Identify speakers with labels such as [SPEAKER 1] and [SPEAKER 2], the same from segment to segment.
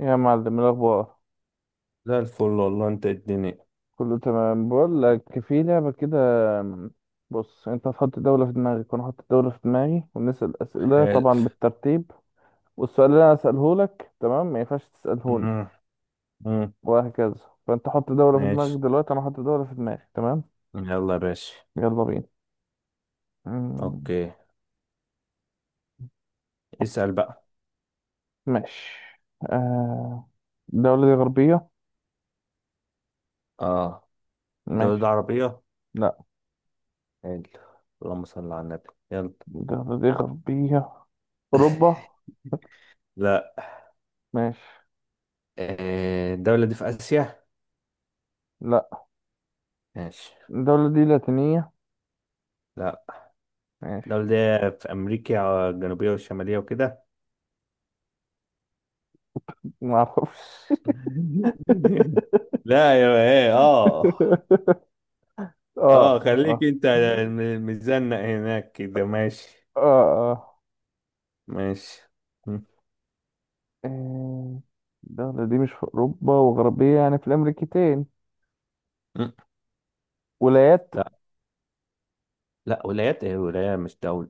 [SPEAKER 1] يا معلم الأخبار،
[SPEAKER 2] زي الفل والله، انت الدنيا.
[SPEAKER 1] كله تمام. بقول لك في لعبة كده. بص، أنت هتحط دولة في دماغك وأنا هحط دولة في دماغي، ونسأل أسئلة
[SPEAKER 2] حلو.
[SPEAKER 1] طبعا بالترتيب. والسؤال اللي أنا أسأله لك تمام ما ينفعش تسألهوني،
[SPEAKER 2] مم، مم،
[SPEAKER 1] وهكذا. فأنت حط دولة في دماغك
[SPEAKER 2] ماشي.
[SPEAKER 1] دلوقتي، أنا هحط دولة في دماغي تمام.
[SPEAKER 2] يلا يا باشا.
[SPEAKER 1] يلا بينا. مم،
[SPEAKER 2] اوكي، اسأل بقى.
[SPEAKER 1] ماشي. آه، الدولة دي غربية؟
[SPEAKER 2] اه. دولة
[SPEAKER 1] ماشي.
[SPEAKER 2] عربية.
[SPEAKER 1] لا،
[SPEAKER 2] حلو. اللهم صل على النبي، يلا.
[SPEAKER 1] الدولة دي غربية. أوروبا؟
[SPEAKER 2] لا.
[SPEAKER 1] ماشي.
[SPEAKER 2] آه، الدولة دي في آسيا؟
[SPEAKER 1] لا،
[SPEAKER 2] ماشي.
[SPEAKER 1] الدولة دي لاتينية؟
[SPEAKER 2] لا. الدولة
[SPEAKER 1] ماشي.
[SPEAKER 2] دي في أمريكا الجنوبية والشمالية وكده.
[SPEAKER 1] معرفش.
[SPEAKER 2] لا يا ايه، اه.
[SPEAKER 1] اه اه.
[SPEAKER 2] اه خليك
[SPEAKER 1] اه
[SPEAKER 2] انت. مزنق هناك كده، ماشي.
[SPEAKER 1] اه.
[SPEAKER 2] ماشي. م-
[SPEAKER 1] آه، الدولة دي مش في أوروبا وغربية، يعني في الأمريكتين.
[SPEAKER 2] م.
[SPEAKER 1] ولايات.
[SPEAKER 2] لا. لا ولايات ايه، ولاية مش دولة.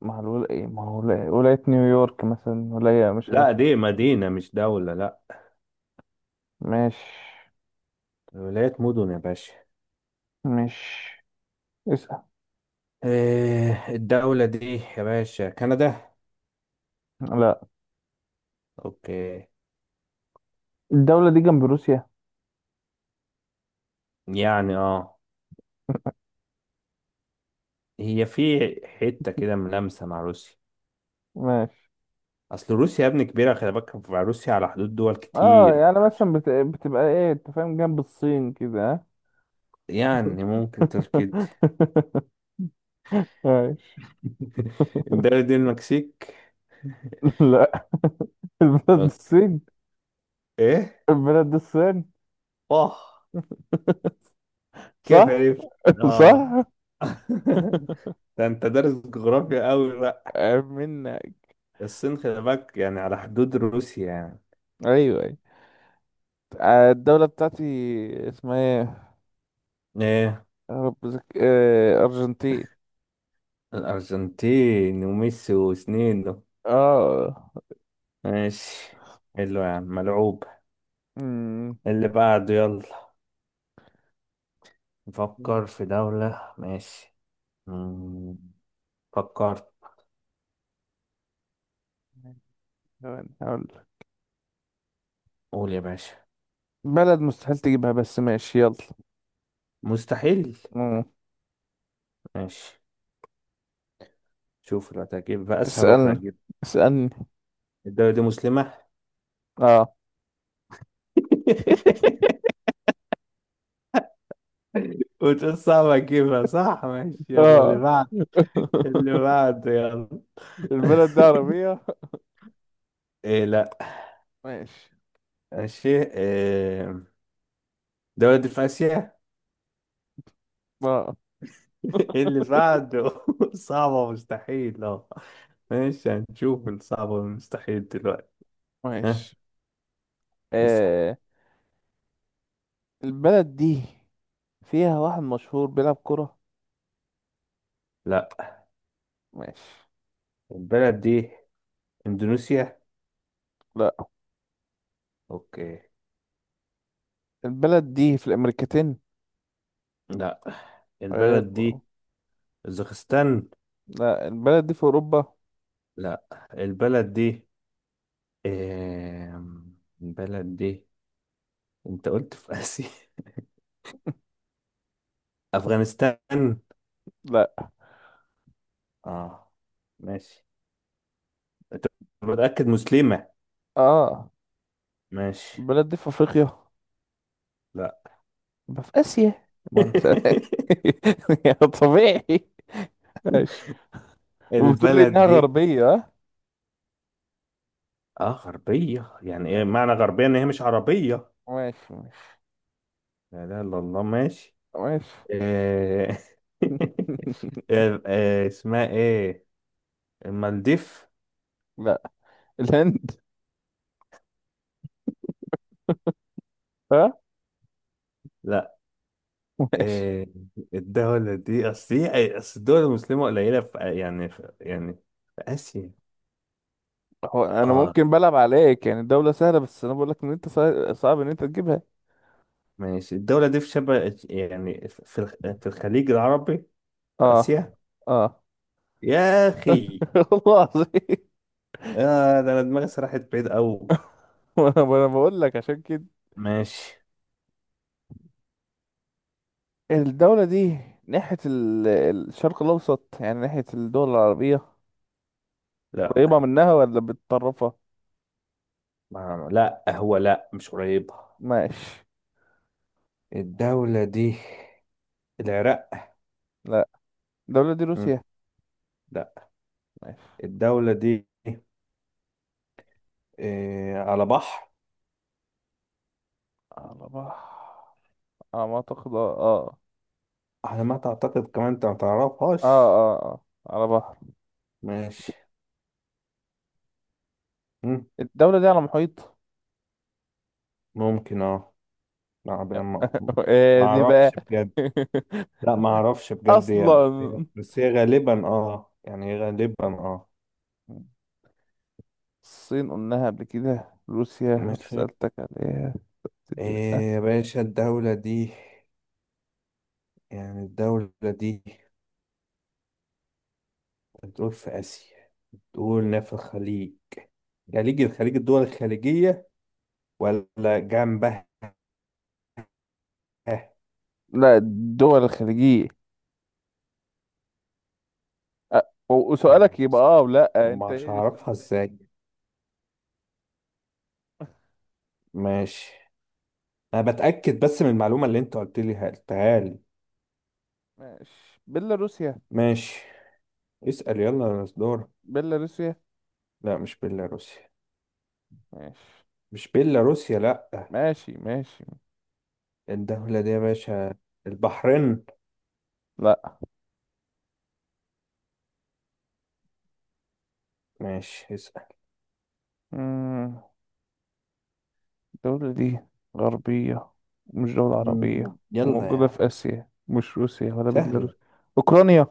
[SPEAKER 1] ما هو إيه، ما هو ولاية، ولاية نيويورك مثلا، ولاية مش عارف.
[SPEAKER 2] لا دي مدينة مش دولة، لا.
[SPEAKER 1] مش.
[SPEAKER 2] ولايات مدن يا باشا.
[SPEAKER 1] مش. اسأل.
[SPEAKER 2] إيه الدولة دي يا باشا؟ كندا.
[SPEAKER 1] لا،
[SPEAKER 2] اوكي.
[SPEAKER 1] الدولة دي جنب روسيا؟
[SPEAKER 2] يعني اه، هي في حتة كده ملامسة مع روسيا.
[SPEAKER 1] ماشي.
[SPEAKER 2] اصل روسيا يا ابني كبيرة، خلي بالك، مع روسيا على حدود دول
[SPEAKER 1] اه،
[SPEAKER 2] كتير.
[SPEAKER 1] يعني مثلا بتبقى ايه انت فاهم، جنب الصين كده، ها؟
[SPEAKER 2] يعني ممكن تركد.
[SPEAKER 1] ماشي.
[SPEAKER 2] الدولة دي المكسيك.
[SPEAKER 1] لا، البلد
[SPEAKER 2] اوكي.
[SPEAKER 1] الصين.
[SPEAKER 2] ايه؟
[SPEAKER 1] البلد الصين.
[SPEAKER 2] اه. كيف
[SPEAKER 1] صح.
[SPEAKER 2] عرفت؟ اه.
[SPEAKER 1] صح.
[SPEAKER 2] ده انت دارس جغرافيا قوي.
[SPEAKER 1] عيب منك.
[SPEAKER 2] الصين خلي بالك يعني على حدود روسيا يعني.
[SPEAKER 1] ايوه ايوه. الدولة بتاعتي اسمها ايه؟
[SPEAKER 2] ايه.
[SPEAKER 1] يا رب ارجنتين.
[SPEAKER 2] الأرجنتين وميسي وسنين ده.
[SPEAKER 1] اه.
[SPEAKER 2] ماشي. حلو يا عم، ملعوب.
[SPEAKER 1] أمم.
[SPEAKER 2] اللي بعده يلا. نفكر في دولة، ماشي. مم. فكرت.
[SPEAKER 1] ثواني هقول لك.
[SPEAKER 2] قول يا باشا.
[SPEAKER 1] بلد مستحيل تجيبها، بس ماشي يلا.
[SPEAKER 2] مستحيل.
[SPEAKER 1] أمم.
[SPEAKER 2] ماشي. شوف اللي هتجيب بقى، أسهل واحدة
[SPEAKER 1] اسألني.
[SPEAKER 2] هتجيب.
[SPEAKER 1] اسألني.
[SPEAKER 2] الدولة دي مسلمة.
[SPEAKER 1] اه.
[SPEAKER 2] وتقول صعب أجيبها، صح؟ ماشي، يلا اللي
[SPEAKER 1] اه.
[SPEAKER 2] بعد. اللي بعده يلا.
[SPEAKER 1] البلد دي عربية؟
[SPEAKER 2] إيه، لأ.
[SPEAKER 1] ماشي.
[SPEAKER 2] ماشي إيه. ده ولد في آسيا.
[SPEAKER 1] اه.
[SPEAKER 2] إيه اللي بعده؟ صعبة مستحيل، اه. ماشي، هنشوف الصعبة والمستحيل دلوقتي. ها،
[SPEAKER 1] ماشي.
[SPEAKER 2] اسأل.
[SPEAKER 1] آه. البلد دي فيها واحد مشهور بيلعب كرة؟
[SPEAKER 2] لا.
[SPEAKER 1] ماشي.
[SPEAKER 2] البلد دي اندونيسيا.
[SPEAKER 1] لا،
[SPEAKER 2] اوكي.
[SPEAKER 1] البلد دي في الأمريكتين؟
[SPEAKER 2] لا. البلد
[SPEAKER 1] حلو.
[SPEAKER 2] دي اوزبكستان.
[SPEAKER 1] لا، البلد دي في اوروبا؟
[SPEAKER 2] لا. البلد دي إيه... البلد دي انت قلت في آسيا. افغانستان.
[SPEAKER 1] لا.
[SPEAKER 2] اه، ماشي. انت متأكد مسلمة؟
[SPEAKER 1] اه.
[SPEAKER 2] ماشي.
[SPEAKER 1] البلد دي في افريقيا؟
[SPEAKER 2] لا.
[SPEAKER 1] يبقى في اسيا، ما انا يا طبيعي. ماشي. وبتقول لي
[SPEAKER 2] البلد
[SPEAKER 1] انها
[SPEAKER 2] دي،
[SPEAKER 1] غربية.
[SPEAKER 2] اه غربية يعني
[SPEAKER 1] ها؟
[SPEAKER 2] ايه؟ معنى غربية ان هي مش عربية.
[SPEAKER 1] ماشي ماشي.
[SPEAKER 2] لا لا لا، الله، ماشي.
[SPEAKER 1] ماشي.
[SPEAKER 2] آه، آه، آه، اسمها ايه؟ المالديف.
[SPEAKER 1] لا، الهند. ها.
[SPEAKER 2] لا.
[SPEAKER 1] ماشي.
[SPEAKER 2] آه، الدولة دي، اصل الدول المسلمة قليلة في آسيا.
[SPEAKER 1] هو انا
[SPEAKER 2] اه،
[SPEAKER 1] ممكن بلعب عليك، يعني دولة سهلة، بس انا بقول لك ان انت صعب ان انت تجيبها.
[SPEAKER 2] ماشي. الدولة دي في شبه، يعني في الخ- في الخليج العربي، في
[SPEAKER 1] اه.
[SPEAKER 2] آسيا.
[SPEAKER 1] اه.
[SPEAKER 2] يا أخي.
[SPEAKER 1] والله العظيم.
[SPEAKER 2] آه، ده أنا دماغي سرحت بعيد أوي.
[SPEAKER 1] وأنا بقول لك عشان كده.
[SPEAKER 2] ماشي.
[SPEAKER 1] الدولة دي ناحية الشرق الاوسط، يعني ناحية الدول العربية، قريبة
[SPEAKER 2] لا
[SPEAKER 1] منها ولا بتطرفها؟
[SPEAKER 2] لا، هو لا، مش قريب.
[SPEAKER 1] ماشي.
[SPEAKER 2] الدولة دي العراق.
[SPEAKER 1] لا، الدولة دي
[SPEAKER 2] مم.
[SPEAKER 1] روسيا؟
[SPEAKER 2] لا.
[SPEAKER 1] ماشي.
[SPEAKER 2] الدولة دي إيه، على بحر؟
[SPEAKER 1] على بحر. على ما أعتقد اه. اه.
[SPEAKER 2] على ما تعتقد كمان، انت ما
[SPEAKER 1] اه
[SPEAKER 2] تعرفهاش؟
[SPEAKER 1] اه. على بحر.
[SPEAKER 2] ماشي. مم،
[SPEAKER 1] الدولة دي على محيط.
[SPEAKER 2] ممكن اه. ما ما- ما
[SPEAKER 1] ايه دي
[SPEAKER 2] اعرفش
[SPEAKER 1] بقى؟
[SPEAKER 2] بجد. لا ما اعرفش بجد يا، بس هي،
[SPEAKER 1] أصلا
[SPEAKER 2] بس هي غالبا اه، يعني غالبا اه.
[SPEAKER 1] الصين قلناها قبل كده، روسيا اللي
[SPEAKER 2] ماشي.
[SPEAKER 1] سألتك عليها.
[SPEAKER 2] إيه يا باشا الدولة دي؟ يعني الدولة دي بتقول في آسيا، تقول في الخليج، خليج، الخليج، الدول الخليجية، ولا جنبها؟
[SPEAKER 1] لا، الدول الخليجية. أ- وسؤالك
[SPEAKER 2] اللهم
[SPEAKER 1] يبقى
[SPEAKER 2] صل.
[SPEAKER 1] اه، ولا انت
[SPEAKER 2] ومش
[SPEAKER 1] ايه السؤال؟
[SPEAKER 2] هعرفها ازاي؟ ماشي. انا بتأكد بس من المعلومة اللي انت قلت لي قلتها لي.
[SPEAKER 1] ماشي. بيلاروسيا.
[SPEAKER 2] ماشي، اسأل يلا يا مصدور.
[SPEAKER 1] بيلاروسيا.
[SPEAKER 2] لا مش بيلاروسيا.
[SPEAKER 1] ماشي
[SPEAKER 2] مش بيلاروسيا، لا.
[SPEAKER 1] ماشي. ماشي.
[SPEAKER 2] الدولة دي يا باشا البحرين.
[SPEAKER 1] لا.
[SPEAKER 2] ماشي، اسأل.
[SPEAKER 1] مم. الدولة دي غربية ومش دولة عربية،
[SPEAKER 2] يلا يا
[SPEAKER 1] وموجودة
[SPEAKER 2] عم،
[SPEAKER 1] في آسيا، مش روسيا ولا
[SPEAKER 2] سهلة.
[SPEAKER 1] بيلاروس. أوكرانيا.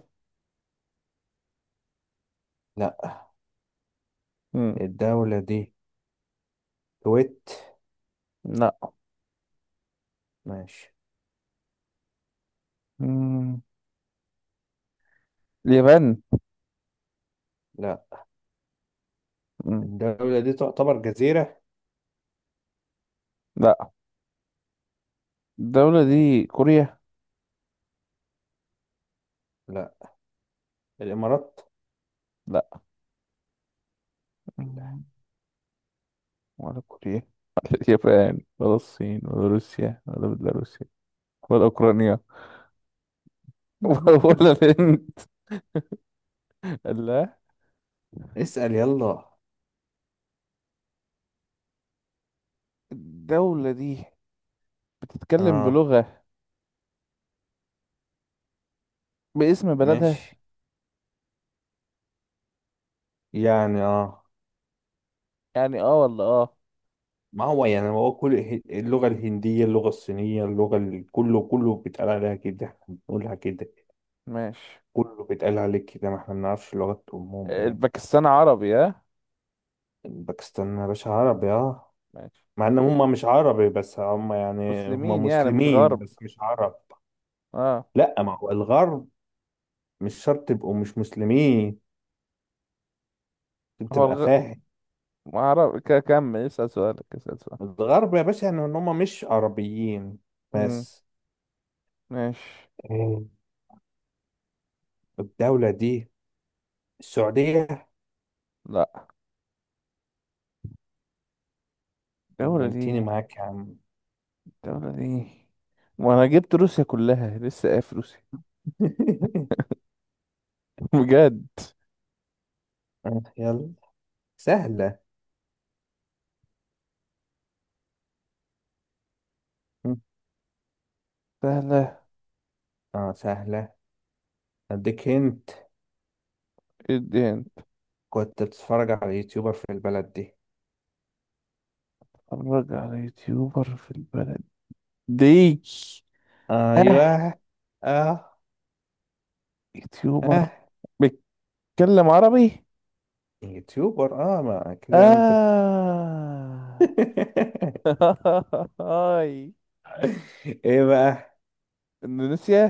[SPEAKER 2] لا.
[SPEAKER 1] مم.
[SPEAKER 2] الدولة دي كويت.
[SPEAKER 1] لا.
[SPEAKER 2] ماشي.
[SPEAKER 1] مم. اليابان.
[SPEAKER 2] لا.
[SPEAKER 1] مم.
[SPEAKER 2] الدولة دي تعتبر جزيرة.
[SPEAKER 1] لا، الدولة دي
[SPEAKER 2] ماشي.
[SPEAKER 1] كوريا.
[SPEAKER 2] لا. الإمارات.
[SPEAKER 1] لا.
[SPEAKER 2] لا.
[SPEAKER 1] مم. ولا كوريا، ولا اليابان، ولا الصين، ولا روسيا، ولا بيلاروسيا، ولا أوكرانيا. ولا الهند. لا.
[SPEAKER 2] اسأل يلا.
[SPEAKER 1] الدولة دي بتتكلم
[SPEAKER 2] اه.
[SPEAKER 1] بلغة باسم بلدها؟
[SPEAKER 2] ماشي. يعني اه.
[SPEAKER 1] يعني اه ولا اه.
[SPEAKER 2] ما هو يعني، هو اللغة الهندية، اللغة الصينية، كله بيتقال عليها كده، احنا بنقولها كده.
[SPEAKER 1] ماشي.
[SPEAKER 2] كله بيتقال عليك كده، ما احنا بنعرفش لغة أمهم ايه.
[SPEAKER 1] الباكستان عربي؟ ها.
[SPEAKER 2] باكستان يا باشا عربي، اه.
[SPEAKER 1] ماشي.
[SPEAKER 2] مع ان هم مش عربي، بس هم يعني هم
[SPEAKER 1] مسلمين يعني مش
[SPEAKER 2] مسلمين
[SPEAKER 1] غرب.
[SPEAKER 2] بس مش عرب.
[SPEAKER 1] اه.
[SPEAKER 2] لا، ما هو الغرب مش شرط تبقوا مش مسلمين، عشان
[SPEAKER 1] هو
[SPEAKER 2] تبقى فاهم.
[SPEAKER 1] ما اعرف، كمل اسأل سؤالك، اسأل سؤال.
[SPEAKER 2] الغرب يا باشا يعني ان هم مش عربيين،
[SPEAKER 1] امم.
[SPEAKER 2] بس.
[SPEAKER 1] ماشي.
[SPEAKER 2] إيه. الدولة دي السعودية.
[SPEAKER 1] لا، الدولة
[SPEAKER 2] لمنتيني
[SPEAKER 1] دي.
[SPEAKER 2] معاك يا عم.
[SPEAKER 1] الدولة دي. وانا جبت روسيا كلها، لسه قايل في روسيا. بجد.
[SPEAKER 2] آه، يلا. سهلة. م.
[SPEAKER 1] سهلة.
[SPEAKER 2] اه، سهلة. اديك هنت.
[SPEAKER 1] جدا.
[SPEAKER 2] كنت بتتفرج على يوتيوبر في البلد دي.
[SPEAKER 1] اتفرج على يوتيوبر في البلد دي؟ اه.
[SPEAKER 2] ايوه. اه.
[SPEAKER 1] يوتيوبر
[SPEAKER 2] اه،
[SPEAKER 1] بيتكلم عربي؟
[SPEAKER 2] يوتيوبر اه، ما كده يعني،
[SPEAKER 1] اه. هاي.
[SPEAKER 2] ايه بقى؟
[SPEAKER 1] اندونيسيا.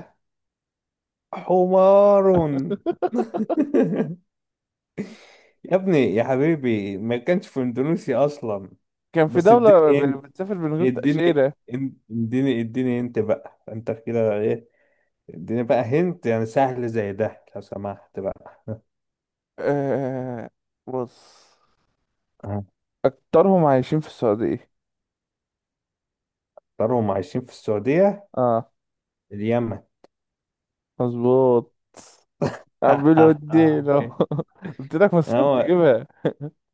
[SPEAKER 2] حمار. يا ابني يا حبيبي، ما كانش في اندونيسيا اصلا.
[SPEAKER 1] كان في
[SPEAKER 2] بس
[SPEAKER 1] دولة
[SPEAKER 2] اديني انت.
[SPEAKER 1] بتسافر من غير
[SPEAKER 2] اديني.
[SPEAKER 1] تأشيرة.
[SPEAKER 2] اديني انت بقى، انت كده إيه؟ اديني بقى هنت يعني، سهل زي ده لو سمحت بقى.
[SPEAKER 1] آه بص، أكترهم عايشين في السعودية.
[SPEAKER 2] هختارهم عايشين في السعودية.
[SPEAKER 1] اه.
[SPEAKER 2] اليمن.
[SPEAKER 1] مظبوط. عمال ودينا. قلت لك مستحيل
[SPEAKER 2] هو،
[SPEAKER 1] تجيبها.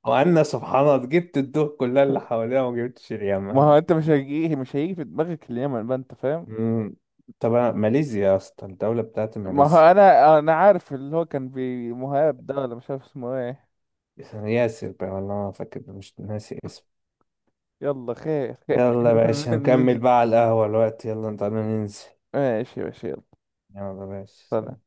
[SPEAKER 2] وأنا سبحان الله جبت الدول كلها اللي حواليها وما جبتش
[SPEAKER 1] ما
[SPEAKER 2] اليمن.
[SPEAKER 1] هو انت مش هيجي في دماغك اليمن بقى، انت فاهم.
[SPEAKER 2] مم. طب ماليزيا يا اسطى، الدولة بتاعت
[SPEAKER 1] ما هو
[SPEAKER 2] ماليزيا.
[SPEAKER 1] انا عارف اللي هو كان بمهاب ده، ولا مش عارف اسمه ايه.
[SPEAKER 2] ياسر بقى والله، ما فاكر، مش ناسي اسمه.
[SPEAKER 1] يلا خير. خير.
[SPEAKER 2] يلا يا باشا، نكمل
[SPEAKER 1] ننزل.
[SPEAKER 2] بقى على القهوة، الوقت، يلا تعالى ننزل.
[SPEAKER 1] ماشي ماشي يلا.
[SPEAKER 2] يلا يا
[SPEAKER 1] سلام.
[SPEAKER 2] باشا.